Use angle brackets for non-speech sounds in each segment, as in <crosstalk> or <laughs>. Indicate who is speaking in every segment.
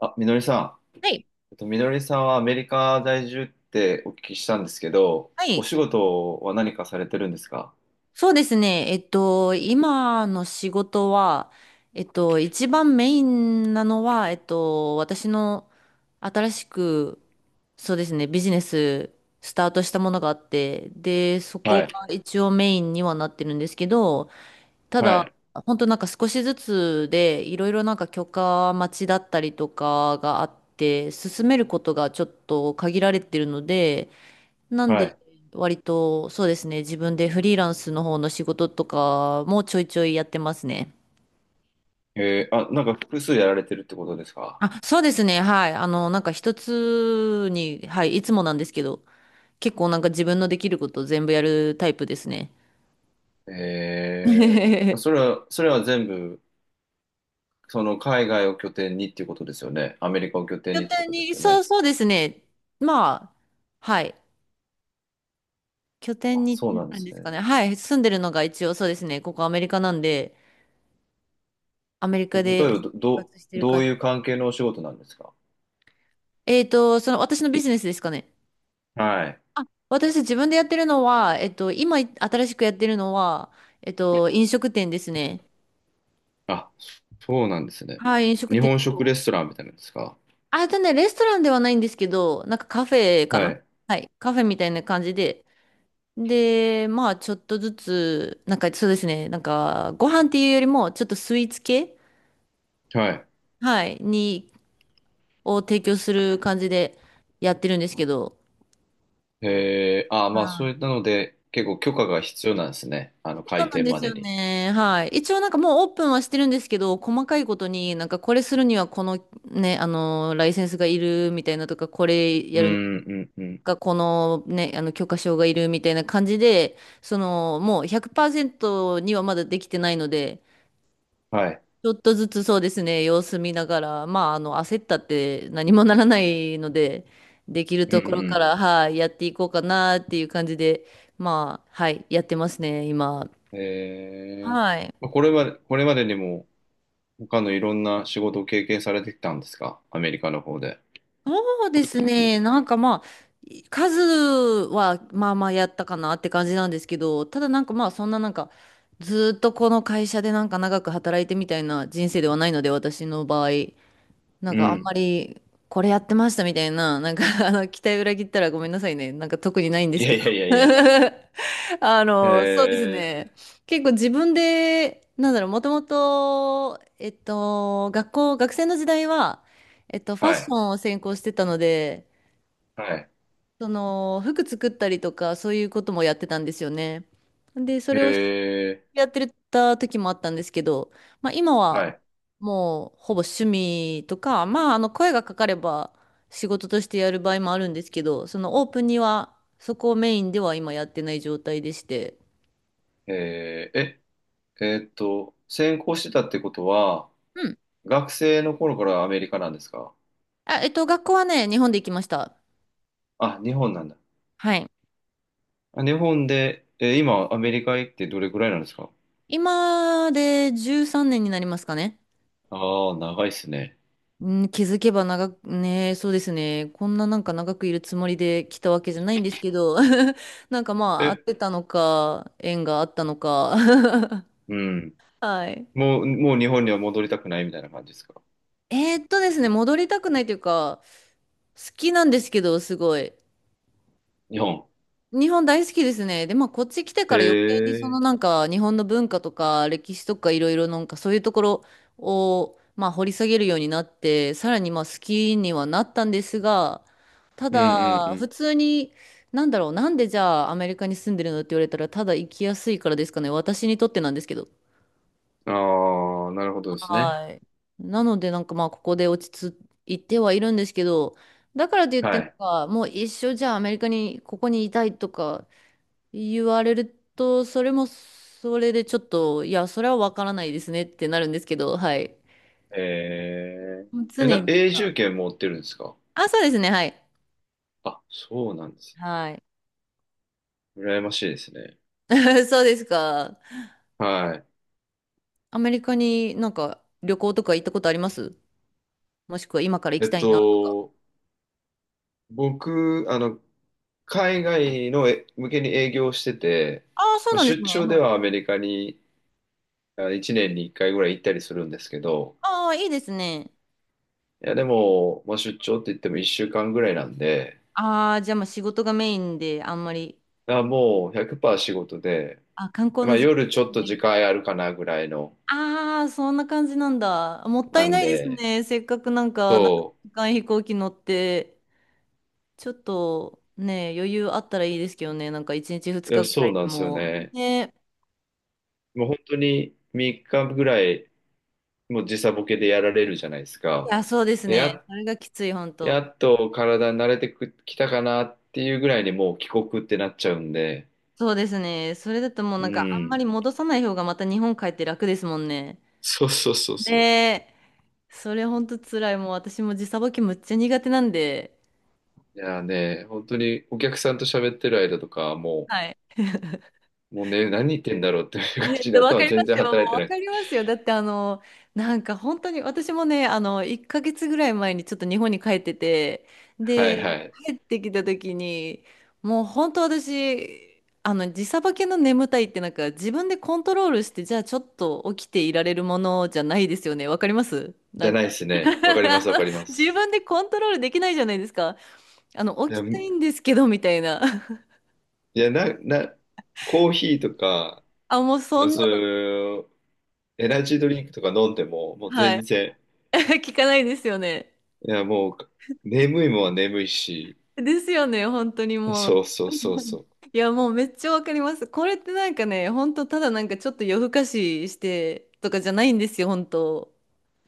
Speaker 1: あ、みのりさん。
Speaker 2: はい。
Speaker 1: みのりさんはアメリカ在住ってお聞きしたんですけど、
Speaker 2: は
Speaker 1: お
Speaker 2: い。
Speaker 1: 仕事は何かされてるんですか？
Speaker 2: そうですね。今の仕事は、一番メインなのは、私の新しく、そうですね、ビジネススタートしたものがあって、で、そこ
Speaker 1: はい。
Speaker 2: が一応メインにはなってるんですけど、た
Speaker 1: は
Speaker 2: だ、
Speaker 1: い。
Speaker 2: 本当なんか少しずつで、いろいろなんか許可待ちだったりとかがあって、進めることがちょっと限られてるので、なん
Speaker 1: は
Speaker 2: で、
Speaker 1: い。
Speaker 2: 割と、そうですね、自分でフリーランスの方の仕事とかもちょいちょいやってますね。
Speaker 1: えー、あ、なんか複数やられてるってことですか？
Speaker 2: あ、そうですね、はい。あの、なんか一つに、はい、いつもなんですけど、結構なんか自分のできること全部やるタイプですね。
Speaker 1: えー、
Speaker 2: <laughs>
Speaker 1: それは、それは全部、その海外を拠点にっていうことですよね。アメリカを拠点
Speaker 2: 拠
Speaker 1: にってこ
Speaker 2: 点
Speaker 1: とで
Speaker 2: に、
Speaker 1: すよ
Speaker 2: そう
Speaker 1: ね。
Speaker 2: そうですね。まあ、はい。拠点
Speaker 1: あ、
Speaker 2: に
Speaker 1: そうなんで
Speaker 2: なるん
Speaker 1: す
Speaker 2: ですか
Speaker 1: ね。
Speaker 2: ね。はい。住んでるのが一応そうですね。ここアメリカなんで、アメリ
Speaker 1: 例
Speaker 2: カ
Speaker 1: え
Speaker 2: で
Speaker 1: ば、
Speaker 2: 生活してる
Speaker 1: どう
Speaker 2: 感じ。
Speaker 1: いう関係のお仕事なんですか？
Speaker 2: その私のビジネスですかね。
Speaker 1: はい。
Speaker 2: 私自分でやってるのは、今新しくやってるのは、飲食店ですね。
Speaker 1: あ、そうなんですね。
Speaker 2: はい、飲食
Speaker 1: 日
Speaker 2: 店。
Speaker 1: 本食レストランみたいなんですか？
Speaker 2: あ、レストランではないんですけど、なんかカフェか
Speaker 1: は
Speaker 2: な。
Speaker 1: い。
Speaker 2: はい、カフェみたいな感じで。で、まあ、ちょっとずつ、なんかそうですね、なんか、ご飯っていうよりも、ちょっとスイーツ系、
Speaker 1: はい。
Speaker 2: はい、を提供する感じでやってるんですけど。
Speaker 1: へえー、あー、
Speaker 2: は
Speaker 1: まあそう
Speaker 2: い、
Speaker 1: いったので、結構許可が必要なんですね。あの、
Speaker 2: そう
Speaker 1: 開
Speaker 2: なん
Speaker 1: 店
Speaker 2: で
Speaker 1: ま
Speaker 2: す
Speaker 1: で
Speaker 2: よ
Speaker 1: に。
Speaker 2: ね。はい。一応なんかもうオープンはしてるんですけど、細かいことになんかこれするにはこのね、あの、ライセンスがいるみたいなとか、これ
Speaker 1: う
Speaker 2: やるの
Speaker 1: ん、うん、うん。
Speaker 2: か、このね、あの、許可証がいるみたいな感じで、その、もう100%にはまだできてないので、
Speaker 1: はい。
Speaker 2: ちょっとずつそうですね、様子見ながら、まあ、あの、焦ったって何もならないので、できる
Speaker 1: う
Speaker 2: ところか
Speaker 1: ん、
Speaker 2: ら、はい、やっていこうかなっていう感じで、まあ、はい、やってますね、今。
Speaker 1: うん。えー、
Speaker 2: はい。
Speaker 1: まあこれは、これまでにも、他のいろんな仕事を経験されてきたんですか？アメリカの方で。
Speaker 2: そうですね。なんかまあ、数はまあまあやったかなって感じなんですけど、ただなんかまあそんななんか、ずーっとこの会社でなんか長く働いてみたいな人生ではないので、私の場合、なん
Speaker 1: う
Speaker 2: かあん
Speaker 1: ん。
Speaker 2: まりこれやってましたみたいな、なんかあの、期待裏切ったらごめんなさいね。なんか特にないんで
Speaker 1: い
Speaker 2: す
Speaker 1: や
Speaker 2: け
Speaker 1: い
Speaker 2: ど。
Speaker 1: やいやいや。
Speaker 2: <laughs> あの、そうです
Speaker 1: え
Speaker 2: ね。結構自分で、なんだろう、もともと、学生の時代は、フ
Speaker 1: ー、
Speaker 2: ァッ
Speaker 1: は
Speaker 2: ショ
Speaker 1: い。
Speaker 2: ンを専攻してたので、
Speaker 1: はい。
Speaker 2: その、服作ったりとか、そういうこともやってたんですよね。で、それを
Speaker 1: え
Speaker 2: やってた時もあったんですけど、まあ、今
Speaker 1: ー、は
Speaker 2: は、
Speaker 1: い。
Speaker 2: もう、ほぼ趣味とか、まあ、あの、声がかかれば、仕事としてやる場合もあるんですけど、その、オープンには、そこをメインでは今やってない状態でして、
Speaker 1: えー、え、専攻してたってことは、学生の頃からアメリカなんですか？
Speaker 2: あ、学校はね、日本で行きました。
Speaker 1: あ、日本なんだ。
Speaker 2: はい。
Speaker 1: あ日本で、えー今、アメリカ行ってどれくらいなんですか？
Speaker 2: 今で13年になりますかね。
Speaker 1: ああー、長いっすね。
Speaker 2: うん、気づけば長く、ね、そうですね。こんななんか長くいるつもりで来たわけじゃないんですけど、<laughs> なんかまあ、合っ
Speaker 1: え、
Speaker 2: てたのか、縁があったのか。<laughs>
Speaker 1: うん。
Speaker 2: はい。
Speaker 1: もう、もう日本には戻りたくないみたいな感じですか？
Speaker 2: ですね、戻りたくないというか、好きなんですけど、すごい。
Speaker 1: 日本。
Speaker 2: 日本大好きですね。で、まあ、こっち来て
Speaker 1: へ
Speaker 2: から余計にそ
Speaker 1: え。
Speaker 2: のなんか日本の文化とか歴史とかいろいろなんかそういうところをまあ掘り下げるようになって、さらにまあ好きにはなったんですが、た
Speaker 1: うんう
Speaker 2: だ普
Speaker 1: ん
Speaker 2: 通に、なんだろう、なんでじゃあアメリカに住んでるのって言われたら、ただ行きやすいからですかね。私にとってなんですけど。
Speaker 1: うん。ああ、なるほどですね。
Speaker 2: はい。なのでなんかまあここで落ち着いてはいるんですけど、だからといって
Speaker 1: は
Speaker 2: なん
Speaker 1: い。
Speaker 2: かもう一生じゃあアメリカにここにいたいとか、言われると、それもそれでちょっと、いや、それはわからないですねってなるんですけど、はい。
Speaker 1: へえ。
Speaker 2: もう常
Speaker 1: え、
Speaker 2: になん
Speaker 1: 永
Speaker 2: か、
Speaker 1: 住権持ってるんですか？
Speaker 2: あ、そうですね、はい。
Speaker 1: あ、そうなんです。
Speaker 2: はい。
Speaker 1: 羨ましいですね。
Speaker 2: <laughs> そうですか。
Speaker 1: はい。
Speaker 2: アメリカになんか旅行とか行ったことあります？もしくは今から行
Speaker 1: え
Speaker 2: き
Speaker 1: っ
Speaker 2: たいなとか。
Speaker 1: と、僕、あの、海外のえ向けに営業してて、
Speaker 2: ああ、そう
Speaker 1: まあ、
Speaker 2: なんです
Speaker 1: 出
Speaker 2: ね。
Speaker 1: 張で
Speaker 2: はい。
Speaker 1: はアメリカにあ1年に1回ぐらい行ったりするんですけど、
Speaker 2: ああ、いいですね。
Speaker 1: いやでも、まあ、出張って言っても1週間ぐらいなんで、
Speaker 2: ああ、じゃあまあ仕事がメインであんまり、
Speaker 1: だからもう100%仕事で、
Speaker 2: あ、観光
Speaker 1: ま
Speaker 2: の
Speaker 1: あ、
Speaker 2: 時間
Speaker 1: 夜ちょっと
Speaker 2: ない
Speaker 1: 時間
Speaker 2: か。
Speaker 1: あるかなぐらいの、
Speaker 2: ああ、そんな感じなんだ。もった
Speaker 1: な
Speaker 2: い
Speaker 1: ん
Speaker 2: ないです
Speaker 1: で、
Speaker 2: ね。せっかくなんか、
Speaker 1: そ
Speaker 2: なんか時間飛行機乗って。ちょっとね、余裕あったらいいですけどね、なんか1日
Speaker 1: う、
Speaker 2: 2
Speaker 1: い
Speaker 2: 日
Speaker 1: や
Speaker 2: ぐら
Speaker 1: そう
Speaker 2: い
Speaker 1: な
Speaker 2: で
Speaker 1: んですよ
Speaker 2: も。
Speaker 1: ね。
Speaker 2: ね、
Speaker 1: もう本当に3日ぐらい、もう時差ボケでやられるじゃないです
Speaker 2: い
Speaker 1: か。
Speaker 2: や、そうです
Speaker 1: で、
Speaker 2: ね。それがきつい、本
Speaker 1: や
Speaker 2: 当。
Speaker 1: っと体に慣れてくきたかなっていうぐらいにもう帰国ってなっちゃうんで、
Speaker 2: そうですね。それだともう
Speaker 1: う
Speaker 2: なんかあんま
Speaker 1: ん、
Speaker 2: り戻さない方がまた日本帰って楽ですもんね。
Speaker 1: そうそうそう
Speaker 2: ね
Speaker 1: そう。
Speaker 2: え、それ本当辛い。もう私も時差ボケむっちゃ苦手なんで。
Speaker 1: いやーね、本当にお客さんと喋ってる間とか、
Speaker 2: はい。
Speaker 1: もうね、何言ってんだろうっていう感
Speaker 2: ね、
Speaker 1: じで
Speaker 2: わか
Speaker 1: 頭
Speaker 2: りま
Speaker 1: 全
Speaker 2: す
Speaker 1: 然
Speaker 2: よ。も
Speaker 1: 働い
Speaker 2: う
Speaker 1: て
Speaker 2: わ
Speaker 1: な
Speaker 2: か
Speaker 1: い。
Speaker 2: りますよ。だってあの、なんか本当に私もね、あの、1ヶ月ぐらい前にちょっと日本に帰ってて、
Speaker 1: は
Speaker 2: で、
Speaker 1: いはい。
Speaker 2: 帰ってきた時に、もう本当私、あの、時差ボケの眠たいってなんか自分でコントロールして、じゃあちょっと起きていられるものじゃないですよね。わかります
Speaker 1: じ
Speaker 2: な
Speaker 1: ゃ
Speaker 2: ん
Speaker 1: ないで
Speaker 2: か。
Speaker 1: す
Speaker 2: <laughs>
Speaker 1: ね。わかり
Speaker 2: あ
Speaker 1: ます、わか
Speaker 2: の
Speaker 1: りま
Speaker 2: 自
Speaker 1: す。
Speaker 2: 分でコントロールできないじゃないですか。あの、
Speaker 1: い
Speaker 2: 起
Speaker 1: や、
Speaker 2: きたいんですけど、みたいな。
Speaker 1: いや、コーヒーとか、
Speaker 2: あ、もうそんな
Speaker 1: そういうエナジードリンクとか飲んでも、もう
Speaker 2: の、は
Speaker 1: 全
Speaker 2: い。
Speaker 1: 然、
Speaker 2: <laughs> 聞かないですよね。
Speaker 1: いや、もう、眠いもんは眠いし、
Speaker 2: ですよね、本当にも
Speaker 1: そう
Speaker 2: う。
Speaker 1: そうそうそ
Speaker 2: <laughs>
Speaker 1: う。
Speaker 2: いや、もうめっちゃわかります。これってなんかね、本当ただなんかちょっと夜更かししてとかじゃないんですよ、本当。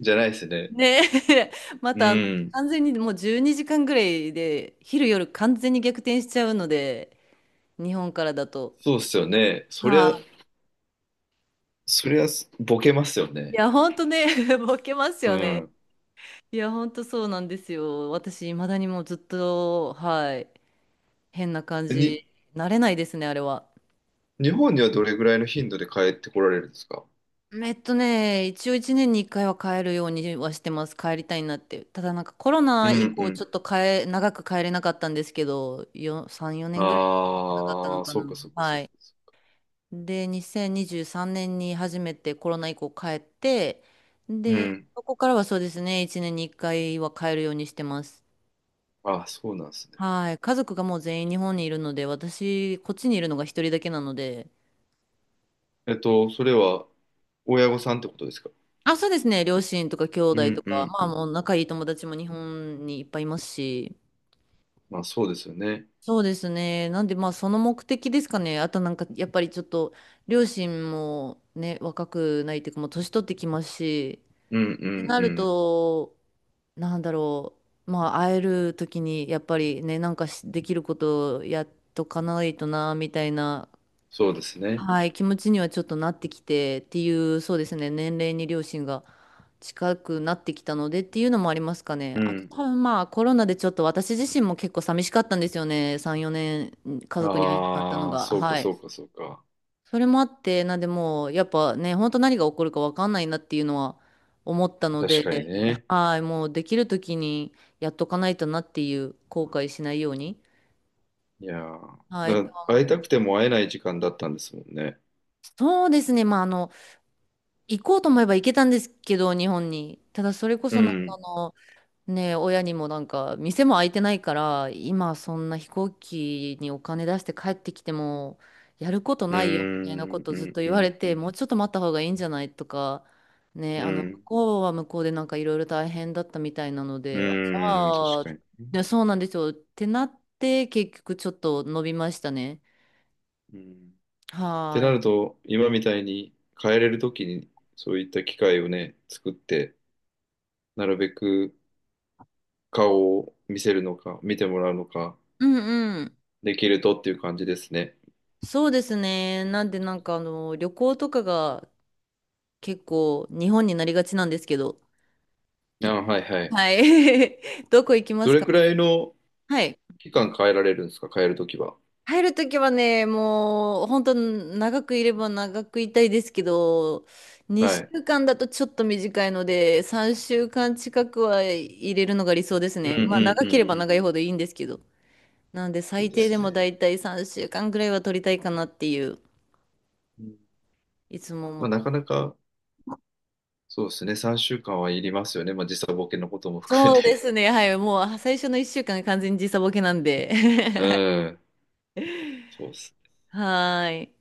Speaker 1: じゃないですね。
Speaker 2: ね、<laughs> ま
Speaker 1: う
Speaker 2: たあの
Speaker 1: ん。
Speaker 2: 完全にもう12時間ぐらいで、昼夜完全に逆転しちゃうので、日本からだと。
Speaker 1: そうっすよね。
Speaker 2: は
Speaker 1: そりゃ、ボケますよ
Speaker 2: い。い
Speaker 1: ね。
Speaker 2: や、本当ね、<laughs> ボケます
Speaker 1: う
Speaker 2: よね。
Speaker 1: ん。
Speaker 2: いや、本当そうなんですよ。私、いまだにもうずっと、はい、変な感
Speaker 1: に
Speaker 2: じ、慣れないですね、あれは。
Speaker 1: 日本にはどれぐらいの頻度で帰ってこられるんですか？
Speaker 2: 一応一年に一回は帰るようにはしてます。帰りたいなって。ただなんかコロ
Speaker 1: う
Speaker 2: ナ
Speaker 1: ん
Speaker 2: 以
Speaker 1: う
Speaker 2: 降ちょっ
Speaker 1: ん。
Speaker 2: と長く帰れなかったんですけど、3、4年ぐらい帰ってなかった
Speaker 1: あ
Speaker 2: の
Speaker 1: あ、
Speaker 2: か
Speaker 1: そ
Speaker 2: な。
Speaker 1: うかそうかそ
Speaker 2: は
Speaker 1: う
Speaker 2: い。
Speaker 1: か。
Speaker 2: で、2023年にじゅうさんねんに初めてコロナ以降帰って、
Speaker 1: う
Speaker 2: で、
Speaker 1: ん。
Speaker 2: そこからはそうですね、一年に一回は帰るようにしてます。
Speaker 1: あそうなんですね。
Speaker 2: はい。家族がもう全員日本にいるので、私、こっちにいるのが一人だけなので、
Speaker 1: えっと、それは親御さんってことですか？
Speaker 2: あ、そうですね。両親とか兄
Speaker 1: う
Speaker 2: 弟と
Speaker 1: んう
Speaker 2: か、
Speaker 1: ん
Speaker 2: ま
Speaker 1: う
Speaker 2: あ
Speaker 1: ん。
Speaker 2: もう仲いい友達も日本にいっぱいいますし。
Speaker 1: まあそうですよね。
Speaker 2: そうですね。なんでまあその目的ですかね。あとなんかやっぱりちょっと両親もね、若くないというかもう年取ってきますし、
Speaker 1: うんう
Speaker 2: って
Speaker 1: ん
Speaker 2: な
Speaker 1: う
Speaker 2: る
Speaker 1: ん。
Speaker 2: と、なんだろう。まあ会える時にやっぱりね、なんかしできることをやっとかないとな、みたいな、
Speaker 1: そうですね。
Speaker 2: はい、気持ちにはちょっとなってきてっていう、そうですね、年齢に両親が近くなってきたのでっていうのもありますかね。
Speaker 1: う
Speaker 2: あと
Speaker 1: ん。
Speaker 2: 多分まあコロナでちょっと私自身も結構寂しかったんですよね。3、4年家族に会えなかったの
Speaker 1: ああ、
Speaker 2: が。
Speaker 1: そうか
Speaker 2: はい。
Speaker 1: そうかそうか。
Speaker 2: それもあって、なんでもうやっぱね、本当何が起こるかわかんないなっていうのは思ったの
Speaker 1: 確
Speaker 2: で、
Speaker 1: かにね。
Speaker 2: はい、もうできる時にやっとかないとなっていう後悔しないように。
Speaker 1: いやー
Speaker 2: はい、
Speaker 1: だ
Speaker 2: と
Speaker 1: か
Speaker 2: は
Speaker 1: ら
Speaker 2: 思
Speaker 1: 会
Speaker 2: い
Speaker 1: い
Speaker 2: ま
Speaker 1: たくて
Speaker 2: す。
Speaker 1: も会えない時間だったんですもんね。
Speaker 2: そうですね。まあ、あの、行こうと思えば行けたんですけど、日本に。ただそれこ
Speaker 1: う
Speaker 2: そなんかあ
Speaker 1: ん。
Speaker 2: の、ね、親にもなんか、店も開いてないから、今そんな飛行機にお金出して帰ってきても、やること
Speaker 1: うー
Speaker 2: ないよみたいなこ
Speaker 1: ん、
Speaker 2: と
Speaker 1: う
Speaker 2: ずっ
Speaker 1: ん、
Speaker 2: と
Speaker 1: う
Speaker 2: 言われ
Speaker 1: ん、う
Speaker 2: て、
Speaker 1: ん。
Speaker 2: もうちょっと待った方がいいんじゃないとか、ね、
Speaker 1: う
Speaker 2: あの、向こうは向こうでなんかいろいろ大変だったみたいなので、
Speaker 1: ん、うん、確
Speaker 2: ああ、
Speaker 1: かに。
Speaker 2: ねそうなんですよ。ってなって、結局ちょっと伸びましたね。
Speaker 1: うん。って
Speaker 2: はー
Speaker 1: な
Speaker 2: い。
Speaker 1: ると、今みたいに変えれるときに、そういった機会をね、作って、なるべく顔を見せるのか、見てもらうのか、
Speaker 2: うんうん。
Speaker 1: できるとっていう感じですね。
Speaker 2: そうですね。なんでなんかあの旅行とかが結構日本になりがちなんですけど。
Speaker 1: あ、はいはい。
Speaker 2: はい。<laughs> どこ行きま
Speaker 1: ど
Speaker 2: す
Speaker 1: れ
Speaker 2: か？
Speaker 1: くらいの
Speaker 2: はい。
Speaker 1: 期間変えられるんですか、変えるときは。
Speaker 2: 入るときはね、もう本当長くいれば長くいたいですけど、
Speaker 1: は
Speaker 2: 2
Speaker 1: い。
Speaker 2: 週間だとちょっと短いので、3週間近くは入れるのが理想です
Speaker 1: うんう
Speaker 2: ね。
Speaker 1: んう
Speaker 2: まあ長けれ
Speaker 1: ん
Speaker 2: ば
Speaker 1: うん。
Speaker 2: 長いほどいいんですけど。なので
Speaker 1: そう
Speaker 2: 最
Speaker 1: で
Speaker 2: 低で
Speaker 1: す
Speaker 2: も
Speaker 1: ね。
Speaker 2: だいたい3週間ぐらいは取りたいかなっていう、
Speaker 1: うん
Speaker 2: いつも思っ
Speaker 1: まあ、
Speaker 2: て、
Speaker 1: なかなか、そうですね、3週間はいりますよね。まあ、時差ボケのことも含め
Speaker 2: そうで
Speaker 1: て。
Speaker 2: すね。はい。もう最初の1週間が完全に時差ボケなんで。<laughs>
Speaker 1: <laughs> う
Speaker 2: はい。
Speaker 1: ん。そうですね
Speaker 2: はーい。